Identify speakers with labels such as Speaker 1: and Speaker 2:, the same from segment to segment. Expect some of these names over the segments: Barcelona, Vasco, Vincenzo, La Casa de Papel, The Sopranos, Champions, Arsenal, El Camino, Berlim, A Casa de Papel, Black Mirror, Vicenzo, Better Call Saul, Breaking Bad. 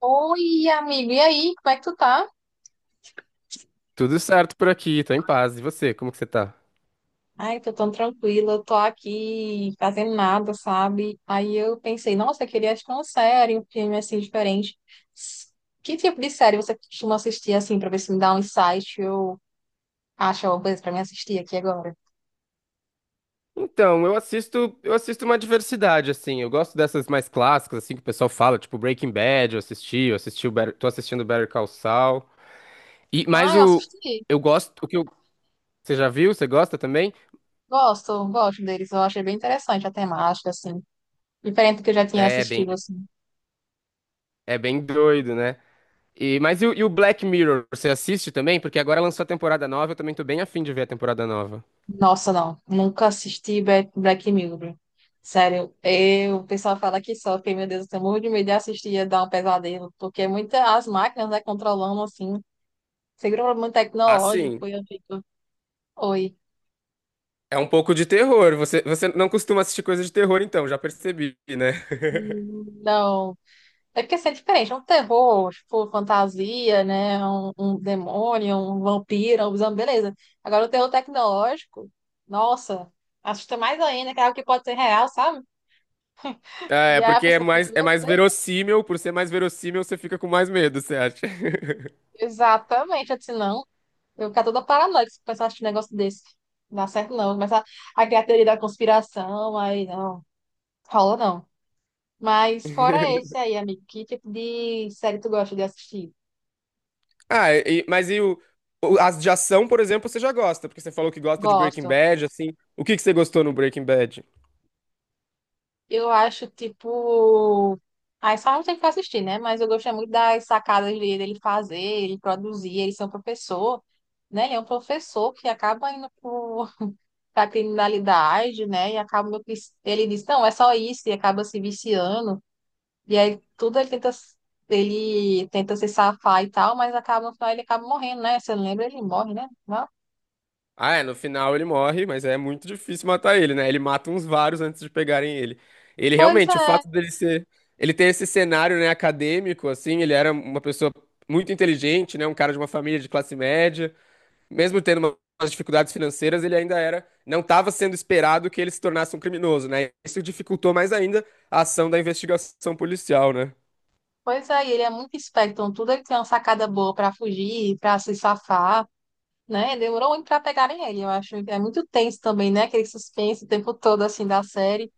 Speaker 1: Oi, amigo, e aí, como é que tu tá?
Speaker 2: Tudo certo por aqui, tô em paz. E você, como que você tá?
Speaker 1: Ai, tô tão tranquila, eu tô aqui fazendo nada, sabe? Aí eu pensei, nossa, eu queria assistir uma série, um filme assim diferente. S- Que tipo de série você costuma assistir assim, pra ver se me dá um insight, eu acho alguma coisa pra mim assistir aqui agora?
Speaker 2: Então, eu assisto uma diversidade, assim. Eu gosto dessas mais clássicas, assim, que o pessoal fala, tipo Breaking Bad, eu assisti o Better, tô assistindo Better Call Saul. E, mas
Speaker 1: Ah, eu
Speaker 2: o,
Speaker 1: assisti,
Speaker 2: eu gosto, o que eu, Você já viu? Você gosta também?
Speaker 1: gosto, gosto deles, eu achei bem interessante a temática, assim, diferente do que eu já tinha
Speaker 2: É bem,
Speaker 1: assistido, assim.
Speaker 2: É bem doido, né? E o Black Mirror, você assiste também? Porque agora lançou a temporada nova, eu também tô bem afim de ver a temporada nova.
Speaker 1: Nossa, não. Nunca assisti Black Mirror. Sério, eu, o pessoal fala que sofre, meu Deus, eu tenho muito de medo de assistir e dar um pesadelo, porque muitas as máquinas, né, controlando, assim, seguro muito
Speaker 2: Assim.
Speaker 1: tecnológico, e eu fico, oi,
Speaker 2: É um pouco de terror. Você não costuma assistir coisa de terror, então, já percebi, né?
Speaker 1: não. É porque assim, é diferente, é um terror, tipo, fantasia, né, um demônio, um vampiro, um zumbi, beleza. Agora, o terror tecnológico, nossa, assusta mais ainda, que é algo que pode ser real, sabe? E aí a pessoa fica,
Speaker 2: É
Speaker 1: meu
Speaker 2: mais
Speaker 1: Deus,
Speaker 2: verossímil, por ser mais verossímil, você fica com mais medo, você acha?
Speaker 1: exatamente, eu disse, não. Eu ficar toda paranoica se começar a assistir um negócio desse. Não dá certo, não. Começa a criar teoria da conspiração, aí não. Rola, não. Mas fora esse aí, amigo, que tipo de série tu gosta de assistir?
Speaker 2: Ah, e- mas e o, As de ação, por exemplo, você já gosta, porque você falou que gosta de Breaking
Speaker 1: Gosto.
Speaker 2: Bad, assim. O que que você gostou no Breaking Bad?
Speaker 1: Eu acho, tipo... Aí só não tem que assistir, né? Mas eu gostei muito das sacadas dele fazer, ele produzir, ele ser um professor, né? Ele é um professor que acaba indo por, pra criminalidade, né? E acaba... Ele diz, não, é só isso, e acaba se viciando. E aí tudo ele tenta se safar e tal, mas acaba no final ele acaba morrendo, né? Você lembra? Ele morre, né? Não?
Speaker 2: Ah, é, no final ele morre, mas é muito difícil matar ele, né? Ele mata uns vários antes de pegarem ele. Ele
Speaker 1: Pois
Speaker 2: realmente, o
Speaker 1: é,
Speaker 2: fato dele ser, ele ter esse cenário, né, acadêmico, assim, ele era uma pessoa muito inteligente, né, um cara de uma família de classe média, mesmo tendo umas dificuldades financeiras, ele ainda era, não estava sendo esperado que ele se tornasse um criminoso, né? Isso dificultou mais ainda a ação da investigação policial, né?
Speaker 1: e ele é muito esperto, então tudo ele tem uma sacada boa pra fugir, pra se safar, né? Demorou muito pra pegarem ele, eu acho. Que É muito tenso também, né? Aquele suspense o tempo todo assim da série.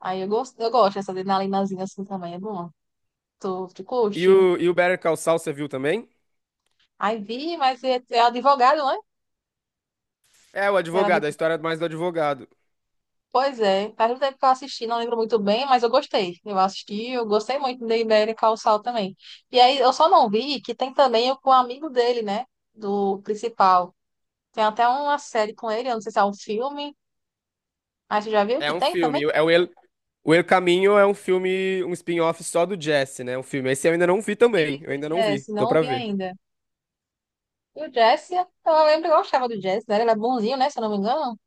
Speaker 1: Aí eu gosto dessa adrenalinazinha assim também, é bom. Tu curte?
Speaker 2: E o Better Call Saul, você viu também?
Speaker 1: Aí vi, mas é, é advogado, né?
Speaker 2: É o
Speaker 1: Era
Speaker 2: advogado, a história mais do advogado.
Speaker 1: Pois é, faz um tempo que eu assisti, não lembro muito bem, mas eu gostei. Eu assisti, eu gostei muito de Ibérica ao Sal também. E aí eu só não vi que tem também o com o amigo dele, né? Do principal. Tem até uma série com ele, eu não sei se é um filme. Aí você já viu
Speaker 2: É
Speaker 1: que
Speaker 2: um
Speaker 1: tem
Speaker 2: filme,
Speaker 1: também?
Speaker 2: é o El- O El Caminho é um filme, um spin-off só do Jesse, né? Um filme. Esse eu ainda não vi também.
Speaker 1: Isso,
Speaker 2: Eu ainda não vi.
Speaker 1: Jesse,
Speaker 2: Tô
Speaker 1: não
Speaker 2: pra
Speaker 1: vi
Speaker 2: ver.
Speaker 1: ainda. E o Jesse, eu lembro que eu gostava do Jesse, né? Ele é bonzinho, né? Se eu não me engano.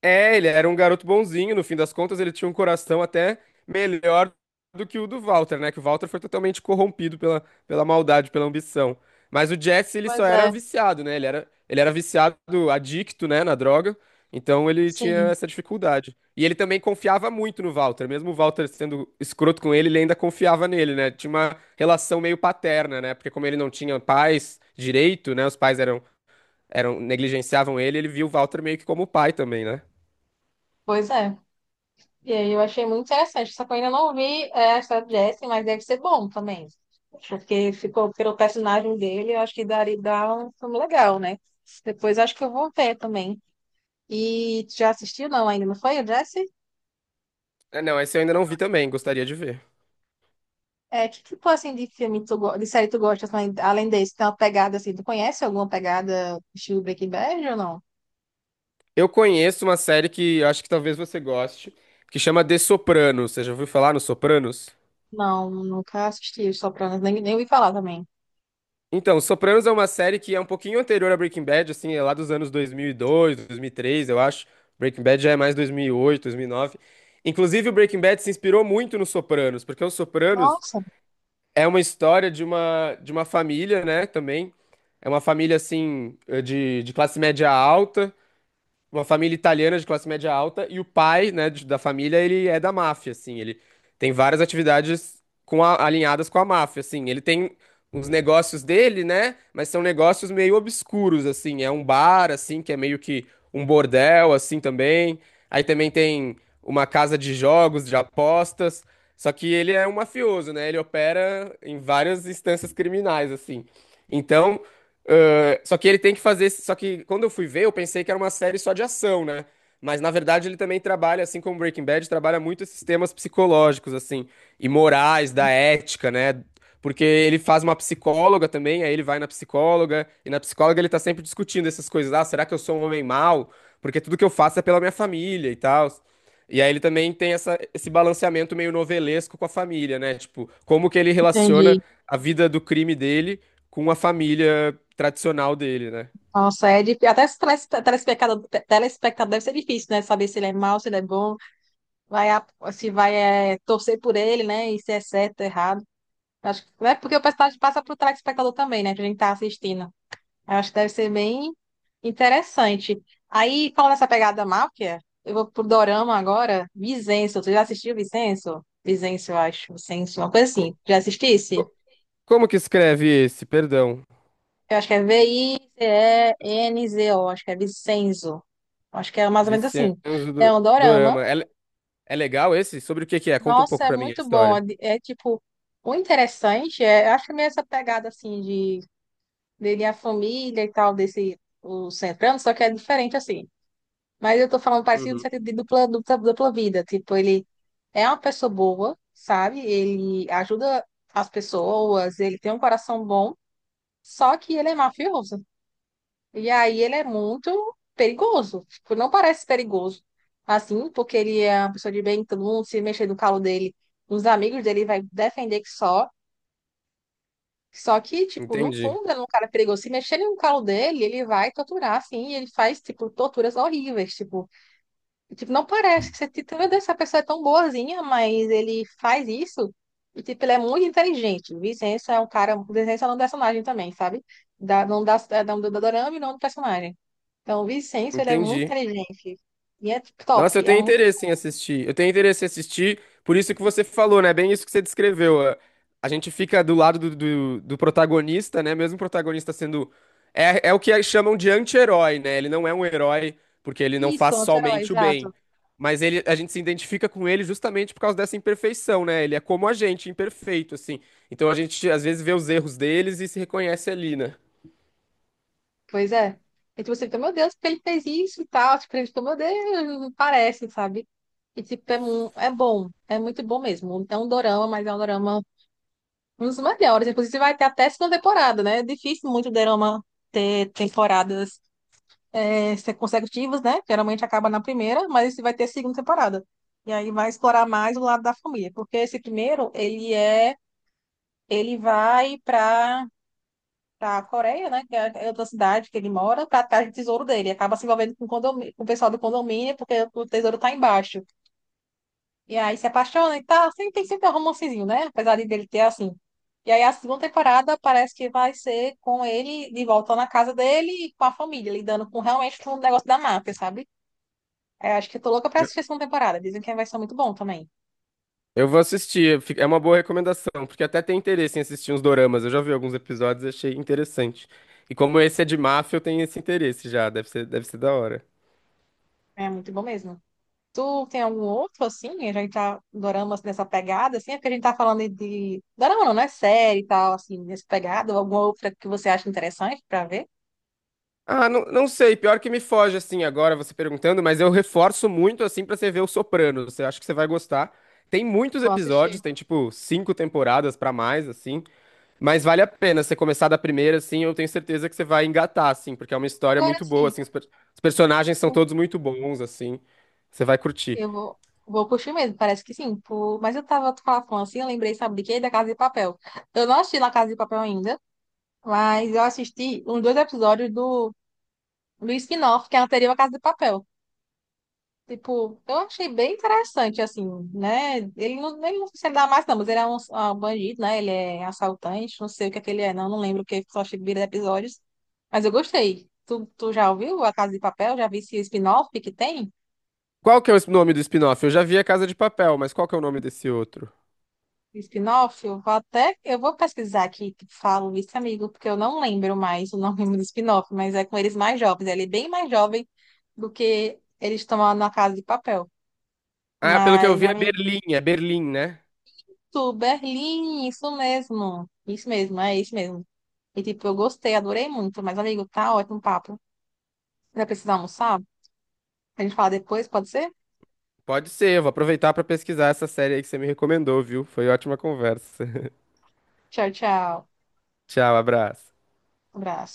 Speaker 2: É, ele era um garoto bonzinho, no fim das contas, ele tinha um coração até melhor do que o do Walter, né? Que o Walter foi totalmente corrompido pela maldade, pela ambição. Mas o Jesse, ele só
Speaker 1: Pois
Speaker 2: era
Speaker 1: é,
Speaker 2: viciado, né? Ele era viciado, adicto, né, na droga. Então ele tinha
Speaker 1: sim,
Speaker 2: essa dificuldade. E ele também confiava muito no Walter, mesmo o Walter sendo escroto com ele, ele ainda confiava nele, né? Tinha uma relação meio paterna, né? Porque como ele não tinha pais direito, né? Eram negligenciavam ele, ele viu o Walter meio que como pai também, né?
Speaker 1: pois é. E aí eu achei muito interessante. Só que eu ainda não vi é, a história do Jesse, mas deve ser bom também. Porque ficou pelo personagem dele, eu acho que daria dá um filme legal, né? Depois acho que eu vou ver também. E tu já assistiu? Não, ainda não foi, o Jesse?
Speaker 2: É, não, esse eu ainda não vi também, gostaria de ver.
Speaker 1: É, que tipo assim de filme tu, de série tu gosta, assim, além desse, tem uma pegada assim, tu conhece alguma pegada estilo Breaking Bad ou não?
Speaker 2: Eu conheço uma série que eu acho que talvez você goste, que chama The Sopranos. Você já ouviu falar no Sopranos?
Speaker 1: Não, nunca assisti os Sopranos, nem, nem ouvi falar também.
Speaker 2: Então, Sopranos é uma série que é um pouquinho anterior a Breaking Bad, assim, é lá dos anos 2002, 2003, eu acho. Breaking Bad já é mais 2008, 2009. Inclusive, o Breaking Bad se inspirou muito no Sopranos, porque o Sopranos
Speaker 1: Nossa,
Speaker 2: é uma história de uma família, né, também. É uma família, assim, de classe média alta, uma família italiana de classe média alta, e o pai, né, da família, ele é da máfia, assim, ele tem várias atividades com alinhadas com a máfia, assim, ele tem uns negócios dele, né, mas são negócios meio obscuros, assim, é um bar, assim, que é meio que um bordel, assim, também, aí também tem uma casa de jogos, de apostas, só que ele é um mafioso, né, ele opera em várias instâncias criminais, assim, então... Ah, só que ele tem que fazer. Só que quando eu fui ver, eu pensei que era uma série só de ação, né? Mas na verdade ele também trabalha, assim como Breaking Bad, trabalha muito esses temas psicológicos, assim, e morais, da ética, né? Porque ele faz uma psicóloga também, aí ele vai na psicóloga, e na psicóloga ele tá sempre discutindo essas coisas. Ah, será que eu sou um homem mau? Porque tudo que eu faço é pela minha família e tal. E aí ele também tem essa, esse balanceamento meio novelesco com a família, né? Tipo, como que ele relaciona
Speaker 1: entendi.
Speaker 2: a vida do crime dele com a família tradicional dele, né?
Speaker 1: Nossa, é difícil. Até esse telespectador, telespectador deve ser difícil, né? Saber se ele é mau, se ele é bom, vai, se vai é, torcer por ele, né? E se é certo, errado. Acho que é porque o personagem passa para o telespectador também, né? Que a gente tá assistindo. Eu acho que deve ser bem interessante. Aí, falando essa pegada máfia, eu vou pro Dorama agora. Vicenço, tu já assistiu Vicenço? Vicenço, eu acho. Vicenço, uma coisa assim.
Speaker 2: Co-
Speaker 1: Já assistisse?
Speaker 2: co- como que escreve esse? Perdão.
Speaker 1: Eu acho que é Vicenzo, acho que é Vicenzo. Acho que é mais ou menos assim.
Speaker 2: Vincenzo
Speaker 1: É
Speaker 2: do
Speaker 1: um dorama.
Speaker 2: Dorama. É legal esse? Sobre o que que é? Conta um
Speaker 1: Nossa,
Speaker 2: pouco
Speaker 1: é
Speaker 2: pra mim a
Speaker 1: muito bom. É,
Speaker 2: história.
Speaker 1: é, tipo, o interessante é, eu acho que é meio essa pegada assim de dele a família e tal, desse o centrando, só que é diferente assim. Mas eu tô falando parecido no
Speaker 2: Uhum.
Speaker 1: sentido de dupla vida. Tipo, ele é uma pessoa boa, sabe? Ele ajuda as pessoas, ele tem um coração bom, só que ele é mafioso. E aí ele é muito perigoso. Tipo, não parece perigoso. Assim, porque ele é uma pessoa de bem, todo mundo se mexer no calo dele, os amigos dele vai defender que só. Só que, tipo, no
Speaker 2: Entendi.
Speaker 1: fundo, ele é um cara perigoso. Se mexer no calo dele, ele vai torturar, assim, e ele faz, tipo, torturas horríveis, tipo. E, tipo, não parece que você, tipo, meu Deus, essa pessoa é tão boazinha, mas ele faz isso. E, tipo, ele é muito inteligente. Vicença é um cara, Vicença é um personagem também, sabe? Da, não da, da, da, do dorama e não do personagem. Então, o Vicenço, ele é muito
Speaker 2: Entendi.
Speaker 1: inteligente. E é
Speaker 2: Nossa, eu
Speaker 1: top. É
Speaker 2: tenho
Speaker 1: muito.
Speaker 2: interesse em assistir. Eu tenho interesse em assistir, por isso que você falou, né? Bem isso que você descreveu. A gente fica do lado do protagonista, né? Mesmo o protagonista sendo. É, é o que chamam de anti-herói, né? Ele não é um herói, porque ele não
Speaker 1: Isso,
Speaker 2: faz
Speaker 1: anti-herói,
Speaker 2: somente o
Speaker 1: exato.
Speaker 2: bem. Mas ele, a gente se identifica com ele justamente por causa dessa imperfeição, né? Ele é como a gente, imperfeito, assim. Então a gente às vezes vê os erros deles e se reconhece ali, né?
Speaker 1: Pois é. E tipo, você fica, meu Deus, porque ele fez isso e tal. Tipo, ele fica, meu Deus, não parece, sabe? E tipo, é, é bom. É muito bom mesmo. É um dorama, mas é um dorama um dos melhores. Inclusive, vai ter até segunda temporada, né? É difícil muito dorama ter temporadas é, ser consecutivas, né? Geralmente acaba na primeira, mas esse vai ter segunda temporada. E aí vai explorar mais o lado da família. Porque esse primeiro, ele é Ele vai para a Coreia, né? Que é é outra cidade que ele mora, para atrás do tesouro dele. Acaba se envolvendo com, o com o pessoal do condomínio, porque o tesouro tá embaixo. E aí se apaixona e tá. Sempre, tem sempre um romancezinho, né? Apesar de dele ter assim. E aí a segunda temporada parece que vai ser com ele de volta na casa dele e com a família, lidando com realmente com o negócio da máfia, sabe? É, acho que eu tô louca pra assistir a segunda temporada. Dizem que vai ser muito bom também.
Speaker 2: Eu vou assistir, fi- é uma boa recomendação, porque até tem interesse em assistir uns doramas. Eu já vi alguns episódios e achei interessante. E como esse é de máfia, eu tenho esse interesse já, deve ser da hora.
Speaker 1: É muito bom mesmo. Tu tem algum outro, assim? A gente tá dorama assim, nessa pegada, assim? É porque a gente tá falando de... Dorama não, não é série e tal, assim, nessa pegada. Ou Alguma outra que você acha interessante pra ver?
Speaker 2: Ah, não, não sei, pior que me foge assim agora você perguntando, mas eu reforço muito assim pra você ver o Sopranos. Eu acho que você vai gostar. Tem muitos
Speaker 1: Vou
Speaker 2: episódios,
Speaker 1: assistir.
Speaker 2: tem tipo 5 temporadas pra mais assim, mas vale a pena você começar da primeira assim, eu tenho certeza que você vai engatar assim, porque é uma história
Speaker 1: Agora,
Speaker 2: muito boa
Speaker 1: sim,
Speaker 2: assim, os personagens são todos muito bons assim. Você vai curtir.
Speaker 1: eu vou, vou curtir mesmo, parece que sim. Por... Mas eu tava tu falando assim, eu lembrei, sabe de quê? Da Casa de Papel. Eu não assisti La Casa de Papel ainda, mas eu assisti uns dois episódios do, do spin-off, que é anterior à Casa de Papel. Tipo, eu achei bem interessante, assim, né? Ele não sei se ele dá mais, não, mas ele é um bandido, né? Ele é assaltante, não sei o que é que ele é, não, não lembro o que, só achei vira episódios. Mas eu gostei. Tu já ouviu A Casa de Papel? Já vi esse spin-off que tem?
Speaker 2: Qual que é o es- nome do spin-off? Eu já vi A Casa de Papel, mas qual que é o nome desse outro?
Speaker 1: Spin-off? Eu vou até, eu vou pesquisar aqui, que falo isso, amigo, porque eu não lembro mais o nome do spin-off, mas é com eles mais jovens. Ele é bem mais jovem do que eles estão lá na Casa de Papel.
Speaker 2: Ah, pelo que eu
Speaker 1: Mas,
Speaker 2: vi
Speaker 1: amigo.
Speaker 2: É Berlim, né?
Speaker 1: Isso, Berlim, isso mesmo. Isso mesmo, é isso mesmo. E tipo, eu gostei, adorei muito. Mas, amigo, tá ótimo o papo. Vai precisar almoçar? A gente fala depois, pode ser?
Speaker 2: Pode ser, eu vou aproveitar pra pesquisar essa série aí que você me recomendou, viu? Foi ótima conversa.
Speaker 1: Tchau, tchau.
Speaker 2: Tchau, abraço.
Speaker 1: Abraço.